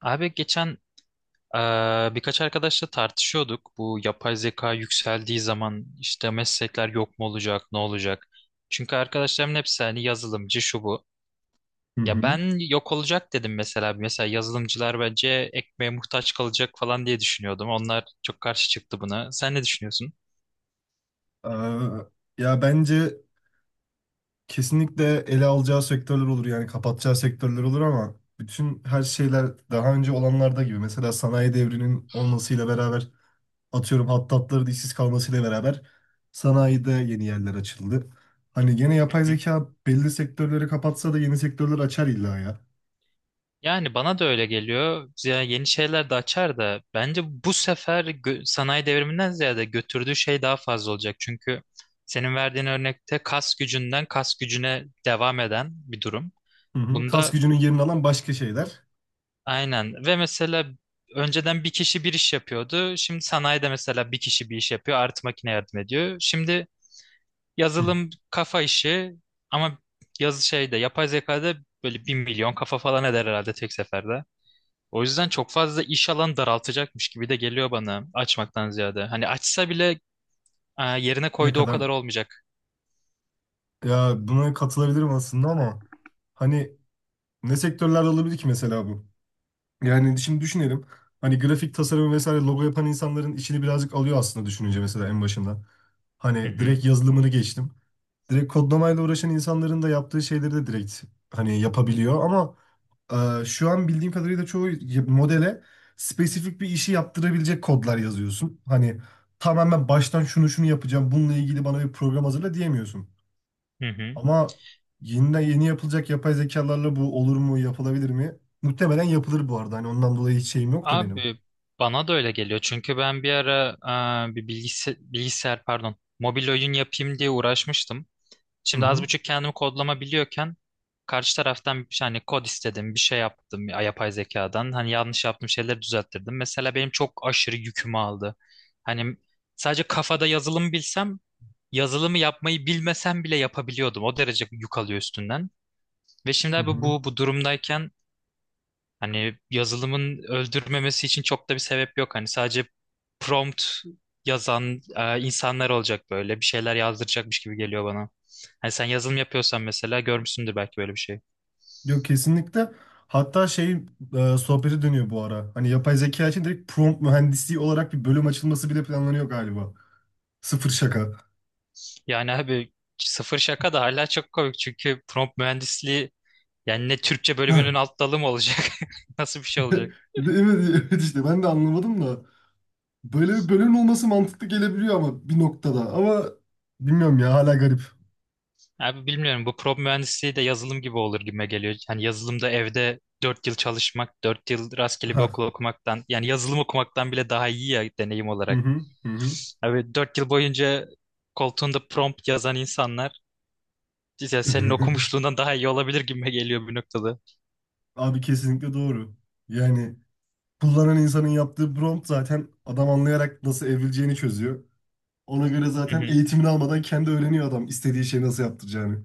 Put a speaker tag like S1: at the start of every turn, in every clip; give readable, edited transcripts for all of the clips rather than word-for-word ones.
S1: Abi geçen birkaç arkadaşla tartışıyorduk. Bu yapay zeka yükseldiği zaman işte meslekler yok mu olacak, ne olacak? Çünkü arkadaşlarımın hepsi hani yazılımcı şu bu.
S2: Hı
S1: Ya
S2: hı.
S1: ben yok olacak dedim mesela. Mesela yazılımcılar bence ekmeğe muhtaç kalacak falan diye düşünüyordum. Onlar çok karşı çıktı buna. Sen ne düşünüyorsun?
S2: Eee, ya bence kesinlikle ele alacağı sektörler olur yani kapatacağı sektörler olur ama bütün her şeyler daha önce olanlarda gibi mesela sanayi devrinin olmasıyla beraber atıyorum hattatların işsiz kalmasıyla beraber sanayide yeni yerler açıldı. Hani gene yapay zeka belli sektörleri kapatsa da yeni sektörler açar illa ya.
S1: Yani bana da öyle geliyor. Ya yeni şeyler de açar da bence bu sefer sanayi devriminden ziyade götürdüğü şey daha fazla olacak. Çünkü senin verdiğin örnekte kas gücünden kas gücüne devam eden bir durum.
S2: Hı hı. Kas
S1: Bunda
S2: gücünün yerini alan başka şeyler.
S1: aynen ve mesela önceden bir kişi bir iş yapıyordu. Şimdi sanayide mesela bir kişi bir iş yapıyor, artı makine yardım ediyor. Şimdi
S2: Hı.
S1: yazılım kafa işi ama yazı şeyde yapay zekada böyle bir milyon kafa falan eder herhalde tek seferde. O yüzden çok fazla iş alanı daraltacakmış gibi de geliyor bana açmaktan ziyade. Hani açsa bile yerine
S2: Ne
S1: koyduğu o
S2: kadar
S1: kadar olmayacak.
S2: ya buna katılabilirim aslında ama hani ne sektörlerde olabilir ki mesela bu? Yani şimdi düşünelim. Hani grafik tasarım vesaire logo yapan insanların işini birazcık alıyor aslında düşününce mesela en başından.
S1: Hı
S2: Hani
S1: hı,
S2: direkt yazılımını geçtim. Direkt kodlamayla uğraşan insanların da yaptığı şeyleri de direkt hani yapabiliyor ama şu an bildiğim kadarıyla çoğu modele spesifik bir işi yaptırabilecek kodlar yazıyorsun. Hani tamamen baştan şunu şunu yapacağım, bununla ilgili bana bir program hazırla diyemiyorsun.
S1: hı hı.
S2: Ama yeni yeni yapılacak yapay zekalarla bu olur mu, yapılabilir mi? Muhtemelen yapılır bu arada. Hani ondan dolayı hiç şeyim yok da benim.
S1: Abi bana da öyle geliyor. Çünkü ben bir ara bir bilgisayar, bilgisayar pardon mobil oyun yapayım diye uğraşmıştım.
S2: Hı
S1: Şimdi az
S2: hı.
S1: buçuk kendimi kodlama biliyorken karşı taraftan hani kod istedim, bir şey yaptım yapay zekadan. Hani yanlış yaptığım şeyleri düzelttirdim. Mesela benim çok aşırı yükümü aldı. Hani sadece kafada yazılımı bilsem, yazılımı yapmayı bilmesem bile yapabiliyordum. O derece yük alıyor üstünden. Ve şimdi
S2: Hı
S1: abi
S2: hı.
S1: bu durumdayken hani yazılımın öldürmemesi için çok da bir sebep yok. Hani sadece prompt yazan insanlar olacak böyle. Bir şeyler yazdıracakmış gibi geliyor bana. Hani sen yazılım yapıyorsan mesela görmüşsündür belki böyle bir şey.
S2: Yok kesinlikle. Hatta şey sohbeti dönüyor bu ara. Hani yapay zeka için direkt prompt mühendisliği olarak bir bölüm açılması bile planlanıyor galiba. Sıfır şaka.
S1: Yani abi sıfır şaka da hala çok komik. Çünkü prompt mühendisliği yani ne Türkçe
S2: Heh.
S1: bölümünün alt dalı mı olacak? Nasıl bir şey olacak?
S2: Evet, evet, işte ben de anlamadım da. Böyle bir bölüm olması mantıklı gelebiliyor ama bir noktada. Ama bilmiyorum ya hala garip.
S1: Abi bilmiyorum, bu prop mühendisliği de yazılım gibi olur gibime geliyor. Yani yazılımda evde 4 yıl çalışmak, 4 yıl rastgele bir okul
S2: Ha.
S1: okumaktan yani yazılım okumaktan bile daha iyi ya deneyim
S2: Hı
S1: olarak.
S2: hı. Hı
S1: Abi 4 yıl boyunca koltuğunda prompt yazan insanlar işte senin
S2: hı.
S1: okumuşluğundan daha iyi olabilir gibime geliyor bir noktada.
S2: Abi kesinlikle doğru. Yani kullanan insanın yaptığı prompt zaten adam anlayarak nasıl evrileceğini çözüyor. Ona göre
S1: Hı
S2: zaten
S1: hı.
S2: eğitimini almadan kendi öğreniyor adam istediği şeyi nasıl yaptıracağını.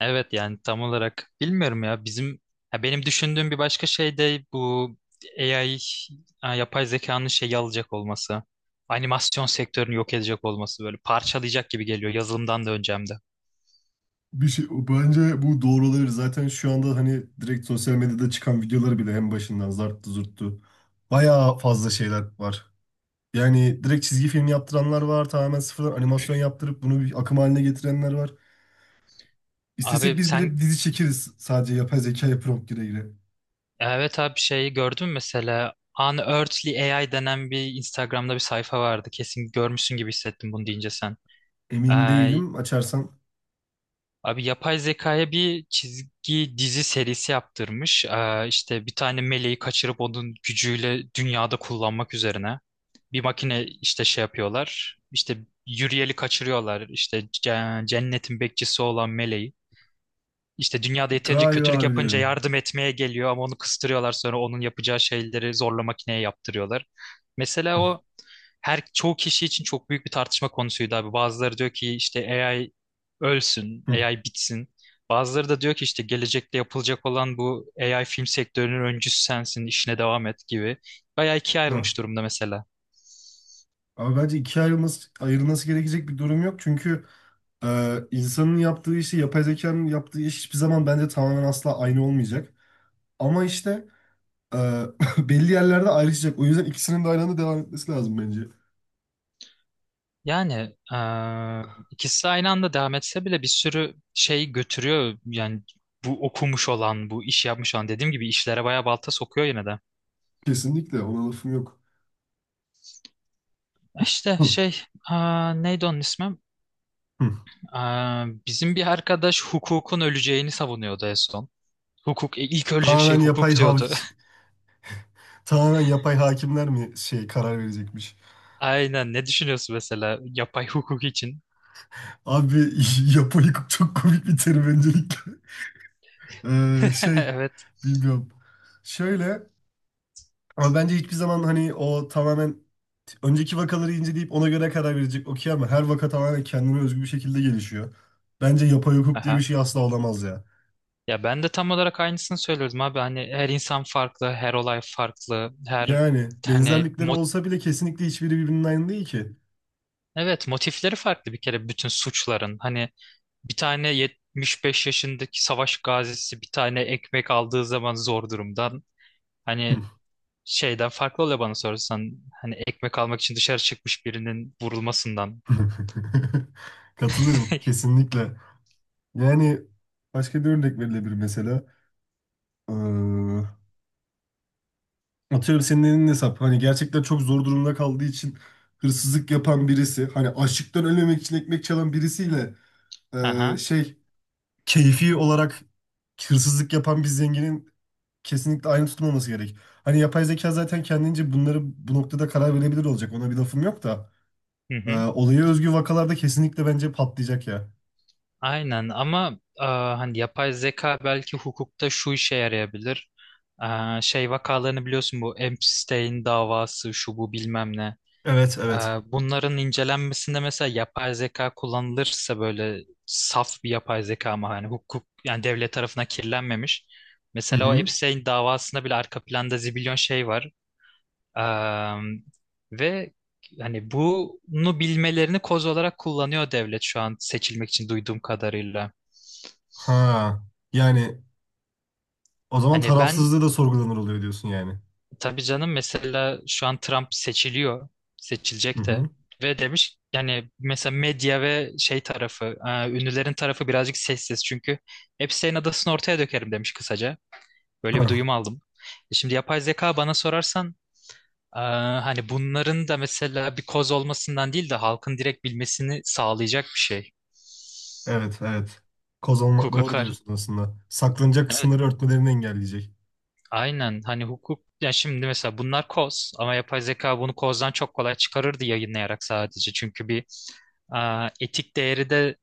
S1: Evet, yani tam olarak bilmiyorum ya bizim, ya benim düşündüğüm bir başka şey de bu AI, ha, yapay zekanın şeyi alacak olması. Animasyon sektörünü yok edecek olması böyle parçalayacak gibi geliyor yazılımdan da önce hem de.
S2: Bir şey bence bu doğru olabilir. Zaten şu anda hani direkt sosyal medyada çıkan videoları bile en başından zarttı zurttu. Bayağı fazla şeyler var. Yani direkt çizgi film yaptıranlar var. Tamamen sıfırdan animasyon yaptırıp bunu bir akım haline getirenler var. İstesek
S1: Abi
S2: biz
S1: sen,
S2: bile dizi çekeriz sadece yapay zekaya prompt gire gire.
S1: evet abi şeyi gördün mü mesela, Unearthly AI denen bir Instagram'da bir sayfa vardı. Kesin görmüşsün gibi hissettim bunu deyince sen.
S2: Emin
S1: Ee,
S2: değilim. Açarsan
S1: Abi yapay zekaya bir çizgi dizi serisi yaptırmış. İşte bir tane meleği kaçırıp onun gücüyle dünyada kullanmak üzerine. Bir makine işte şey yapıyorlar. İşte yürüyeli kaçırıyorlar. İşte cennetin bekçisi olan meleği. İşte dünyada yeterince kötülük
S2: galiba
S1: yapınca
S2: biliyorum.
S1: yardım etmeye geliyor ama onu kıstırıyorlar, sonra onun yapacağı şeyleri zorla makineye yaptırıyorlar. Mesela o her çoğu kişi için çok büyük bir tartışma konusuydu abi. Bazıları diyor ki işte AI ölsün, AI bitsin. Bazıları da diyor ki işte gelecekte yapılacak olan bu AI film sektörünün öncüsü sensin, işine devam et gibi. Bayağı ikiye
S2: Ah.
S1: ayrılmış durumda mesela.
S2: Ama bence ikiye ayrılması gerekecek bir durum yok. Çünkü insanın yaptığı işi, yapay zekanın yaptığı iş hiçbir zaman bence tamamen asla aynı olmayacak. Ama işte e, belli yerlerde ayrışacak. O yüzden ikisinin de aynı anda devam etmesi lazım bence.
S1: Yani ikisi aynı anda devam etse bile bir sürü şey götürüyor. Yani bu okumuş olan, bu iş yapmış olan, dediğim gibi işlere bayağı balta sokuyor yine de.
S2: Kesinlikle ona lafım yok.
S1: İşte
S2: Hı,
S1: şey, neydi onun ismi?
S2: hı.
S1: Bizim bir arkadaş hukukun öleceğini savunuyordu en son. Hukuk, ilk ölecek şey
S2: Tamamen yapay
S1: hukuk
S2: hav
S1: diyordu.
S2: tamamen yapay hakimler mi şey karar verecekmiş?
S1: Aynen, ne düşünüyorsun mesela yapay hukuk için?
S2: Abi yapayı çok komik bir terim öncelikle. Şey
S1: Evet.
S2: bilmiyorum. Şöyle ama bence hiçbir zaman hani o tamamen önceki vakaları inceleyip ona göre karar verecek okey ama her vaka tamamen kendine özgü bir şekilde gelişiyor. Bence yapay hukuk diye bir
S1: Aha.
S2: şey asla olamaz ya.
S1: Ya ben de tam olarak aynısını söylüyordum abi. Hani her insan farklı, her olay farklı, her
S2: Yani
S1: hani
S2: benzerlikleri olsa bile kesinlikle hiçbiri birbirinden aynı değil ki.
S1: evet, motifleri farklı bir kere bütün suçların. Hani bir tane 75 yaşındaki savaş gazisi bir tane ekmek aldığı zaman zor durumdan. Hani şeyden farklı oluyor bana sorarsan. Hani ekmek almak için dışarı çıkmış birinin vurulmasından.
S2: Katılırım kesinlikle. Yani başka bir örnek verilebilir mesela. Ee, Atıyorum senin elinin hesap. Hani gerçekten çok zor durumda kaldığı için hırsızlık yapan birisi, hani açlıktan ölmemek için ekmek çalan birisiyle
S1: Aha,
S2: şey keyfi olarak hırsızlık yapan bir zenginin kesinlikle aynı tutulmaması gerek. Hani yapay zeka zaten kendince bunları bu noktada karar verebilir olacak. Ona bir lafım yok da
S1: hı hı.
S2: olaya özgü vakalarda kesinlikle bence patlayacak ya.
S1: Aynen ama hani yapay zeka belki hukukta şu işe yarayabilir. Şey vakalarını biliyorsun, bu Epstein davası şu bu bilmem ne.
S2: Evet,
S1: Ee,
S2: evet.
S1: Bunların incelenmesinde mesela yapay zeka kullanılırsa, böyle saf bir yapay zeka ama hani hukuk yani devlet tarafına kirlenmemiş.
S2: Hı
S1: Mesela o
S2: hı.
S1: Epstein davasında bile arka planda zibilyon şey var. Ee, ve hani bunu bilmelerini koz olarak kullanıyor devlet şu an seçilmek için, duyduğum kadarıyla.
S2: Ha, yani o zaman
S1: Hani ben,
S2: tarafsızlığı da sorgulanır oluyor diyorsun yani.
S1: tabii canım mesela şu an Trump seçiliyor. Seçilecek de.
S2: Hı
S1: Ve demiş yani mesela medya ve şey tarafı, ünlülerin tarafı birazcık sessiz. Çünkü hepsi, senin adasını ortaya dökerim demiş kısaca. Böyle bir
S2: hı.
S1: duyum aldım. E şimdi yapay zeka bana sorarsan, e, hani bunların da mesela bir koz olmasından değil de halkın direkt bilmesini sağlayacak bir şey.
S2: Evet, evet. Kozalama
S1: Hukuka
S2: doğru
S1: kar.
S2: diyorsun aslında. Saklanacak kısımları örtmelerini engelleyecek.
S1: Aynen, hani hukuk, ya şimdi mesela bunlar koz ama yapay zeka bunu kozdan çok kolay çıkarırdı, yayınlayarak sadece. Çünkü bir etik değeri de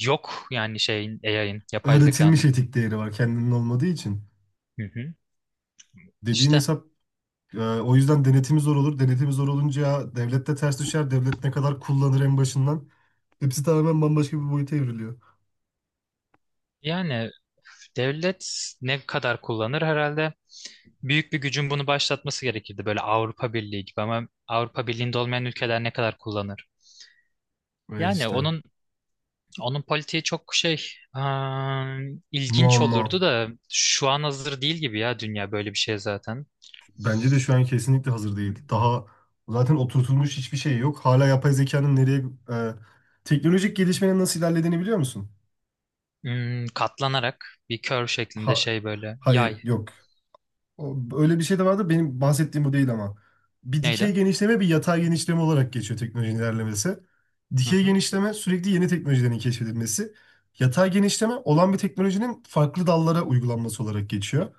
S1: yok yani şeyin, AI'ın, yapay
S2: Öğretilmiş
S1: zekanın.
S2: etik değeri var kendinin olmadığı için.
S1: Hı hı.
S2: Dediğin
S1: İşte,
S2: hesap, o yüzden denetimi zor olur. Denetimi zor olunca ya devlet de ters düşer. Devlet ne kadar kullanır en başından. Hepsi tamamen bambaşka bir boyuta evriliyor.
S1: yani devlet ne kadar kullanır herhalde, büyük bir gücün bunu başlatması gerekirdi böyle Avrupa Birliği gibi, ama Avrupa Birliği'nde olmayan ülkeler ne kadar kullanır?
S2: Evet
S1: Yani
S2: işte.
S1: onun, onun politiği çok şey, ıı, ilginç
S2: Muamma.
S1: olurdu da şu an hazır değil gibi ya, dünya böyle bir şey zaten.
S2: Bence de şu an kesinlikle hazır değil. Daha zaten oturtulmuş hiçbir şey yok. Hala yapay zekanın nereye e, teknolojik gelişmenin nasıl ilerlediğini biliyor musun?
S1: Katlanarak bir kör şeklinde
S2: Ha,
S1: şey böyle
S2: hayır
S1: yay,
S2: yok. Öyle bir şey de vardı. Benim bahsettiğim bu değil ama. Bir dikey
S1: neydi?
S2: genişleme bir yatay genişleme olarak geçiyor teknolojinin ilerlemesi.
S1: Hı
S2: Dikey
S1: hı.
S2: genişleme sürekli yeni teknolojilerin keşfedilmesi. Yatay genişleme olan bir teknolojinin farklı dallara uygulanması olarak geçiyor.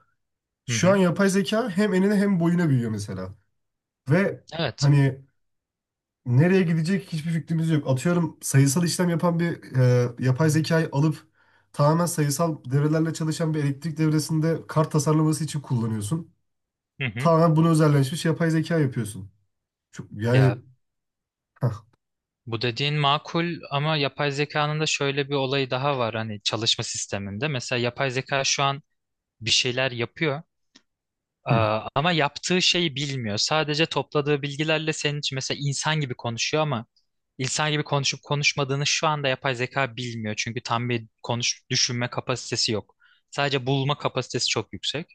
S1: Hı
S2: Şu an
S1: hı.
S2: yapay zeka hem enine hem boyuna büyüyor mesela. Ve
S1: Evet.
S2: hani nereye gidecek hiçbir fikrimiz yok. Atıyorum sayısal işlem yapan bir yapay zekayı alıp tamamen sayısal devrelerle çalışan bir elektrik devresinde kart tasarlaması için kullanıyorsun
S1: Hı hı.
S2: tamamen buna özelleşmiş yapay zeka yapıyorsun. Çok, yani
S1: Ya
S2: hah,
S1: bu dediğin makul ama yapay zekanın da şöyle bir olayı daha var hani çalışma sisteminde. Mesela yapay zeka şu an bir şeyler yapıyor
S2: hı,
S1: ama yaptığı şeyi bilmiyor. Sadece topladığı bilgilerle senin için mesela insan gibi konuşuyor ama İnsan gibi konuşup konuşmadığını şu anda yapay zeka bilmiyor. Çünkü tam bir konuş, düşünme kapasitesi yok. Sadece bulma kapasitesi çok yüksek.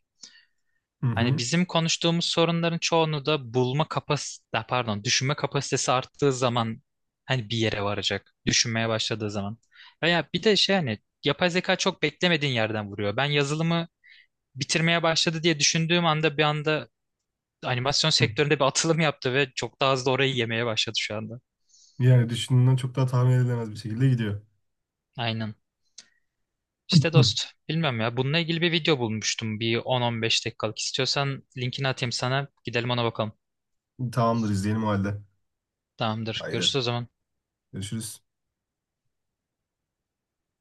S2: hı,
S1: Hani
S2: hı,
S1: bizim konuştuğumuz sorunların çoğunu da bulma kapasitesi, pardon, düşünme kapasitesi arttığı zaman, hani bir yere varacak. Düşünmeye başladığı zaman. Veya bir de şey, hani yapay zeka çok beklemediğin yerden vuruyor. Ben yazılımı bitirmeye başladı diye düşündüğüm anda, bir anda animasyon
S2: hı.
S1: sektöründe bir atılım yaptı ve çok daha hızlı orayı yemeye başladı şu anda.
S2: Yani düşündüğünden çok daha tahmin edilemez bir şekilde gidiyor.
S1: Aynen. İşte
S2: Hı.
S1: dost, bilmiyorum ya. Bununla ilgili bir video bulmuştum. Bir 10-15 dakikalık. İstiyorsan linkini atayım sana, gidelim ona bakalım.
S2: Tamamdır, izleyelim o halde.
S1: Tamamdır.
S2: Haydi
S1: Görüşürüz o zaman.
S2: görüşürüz.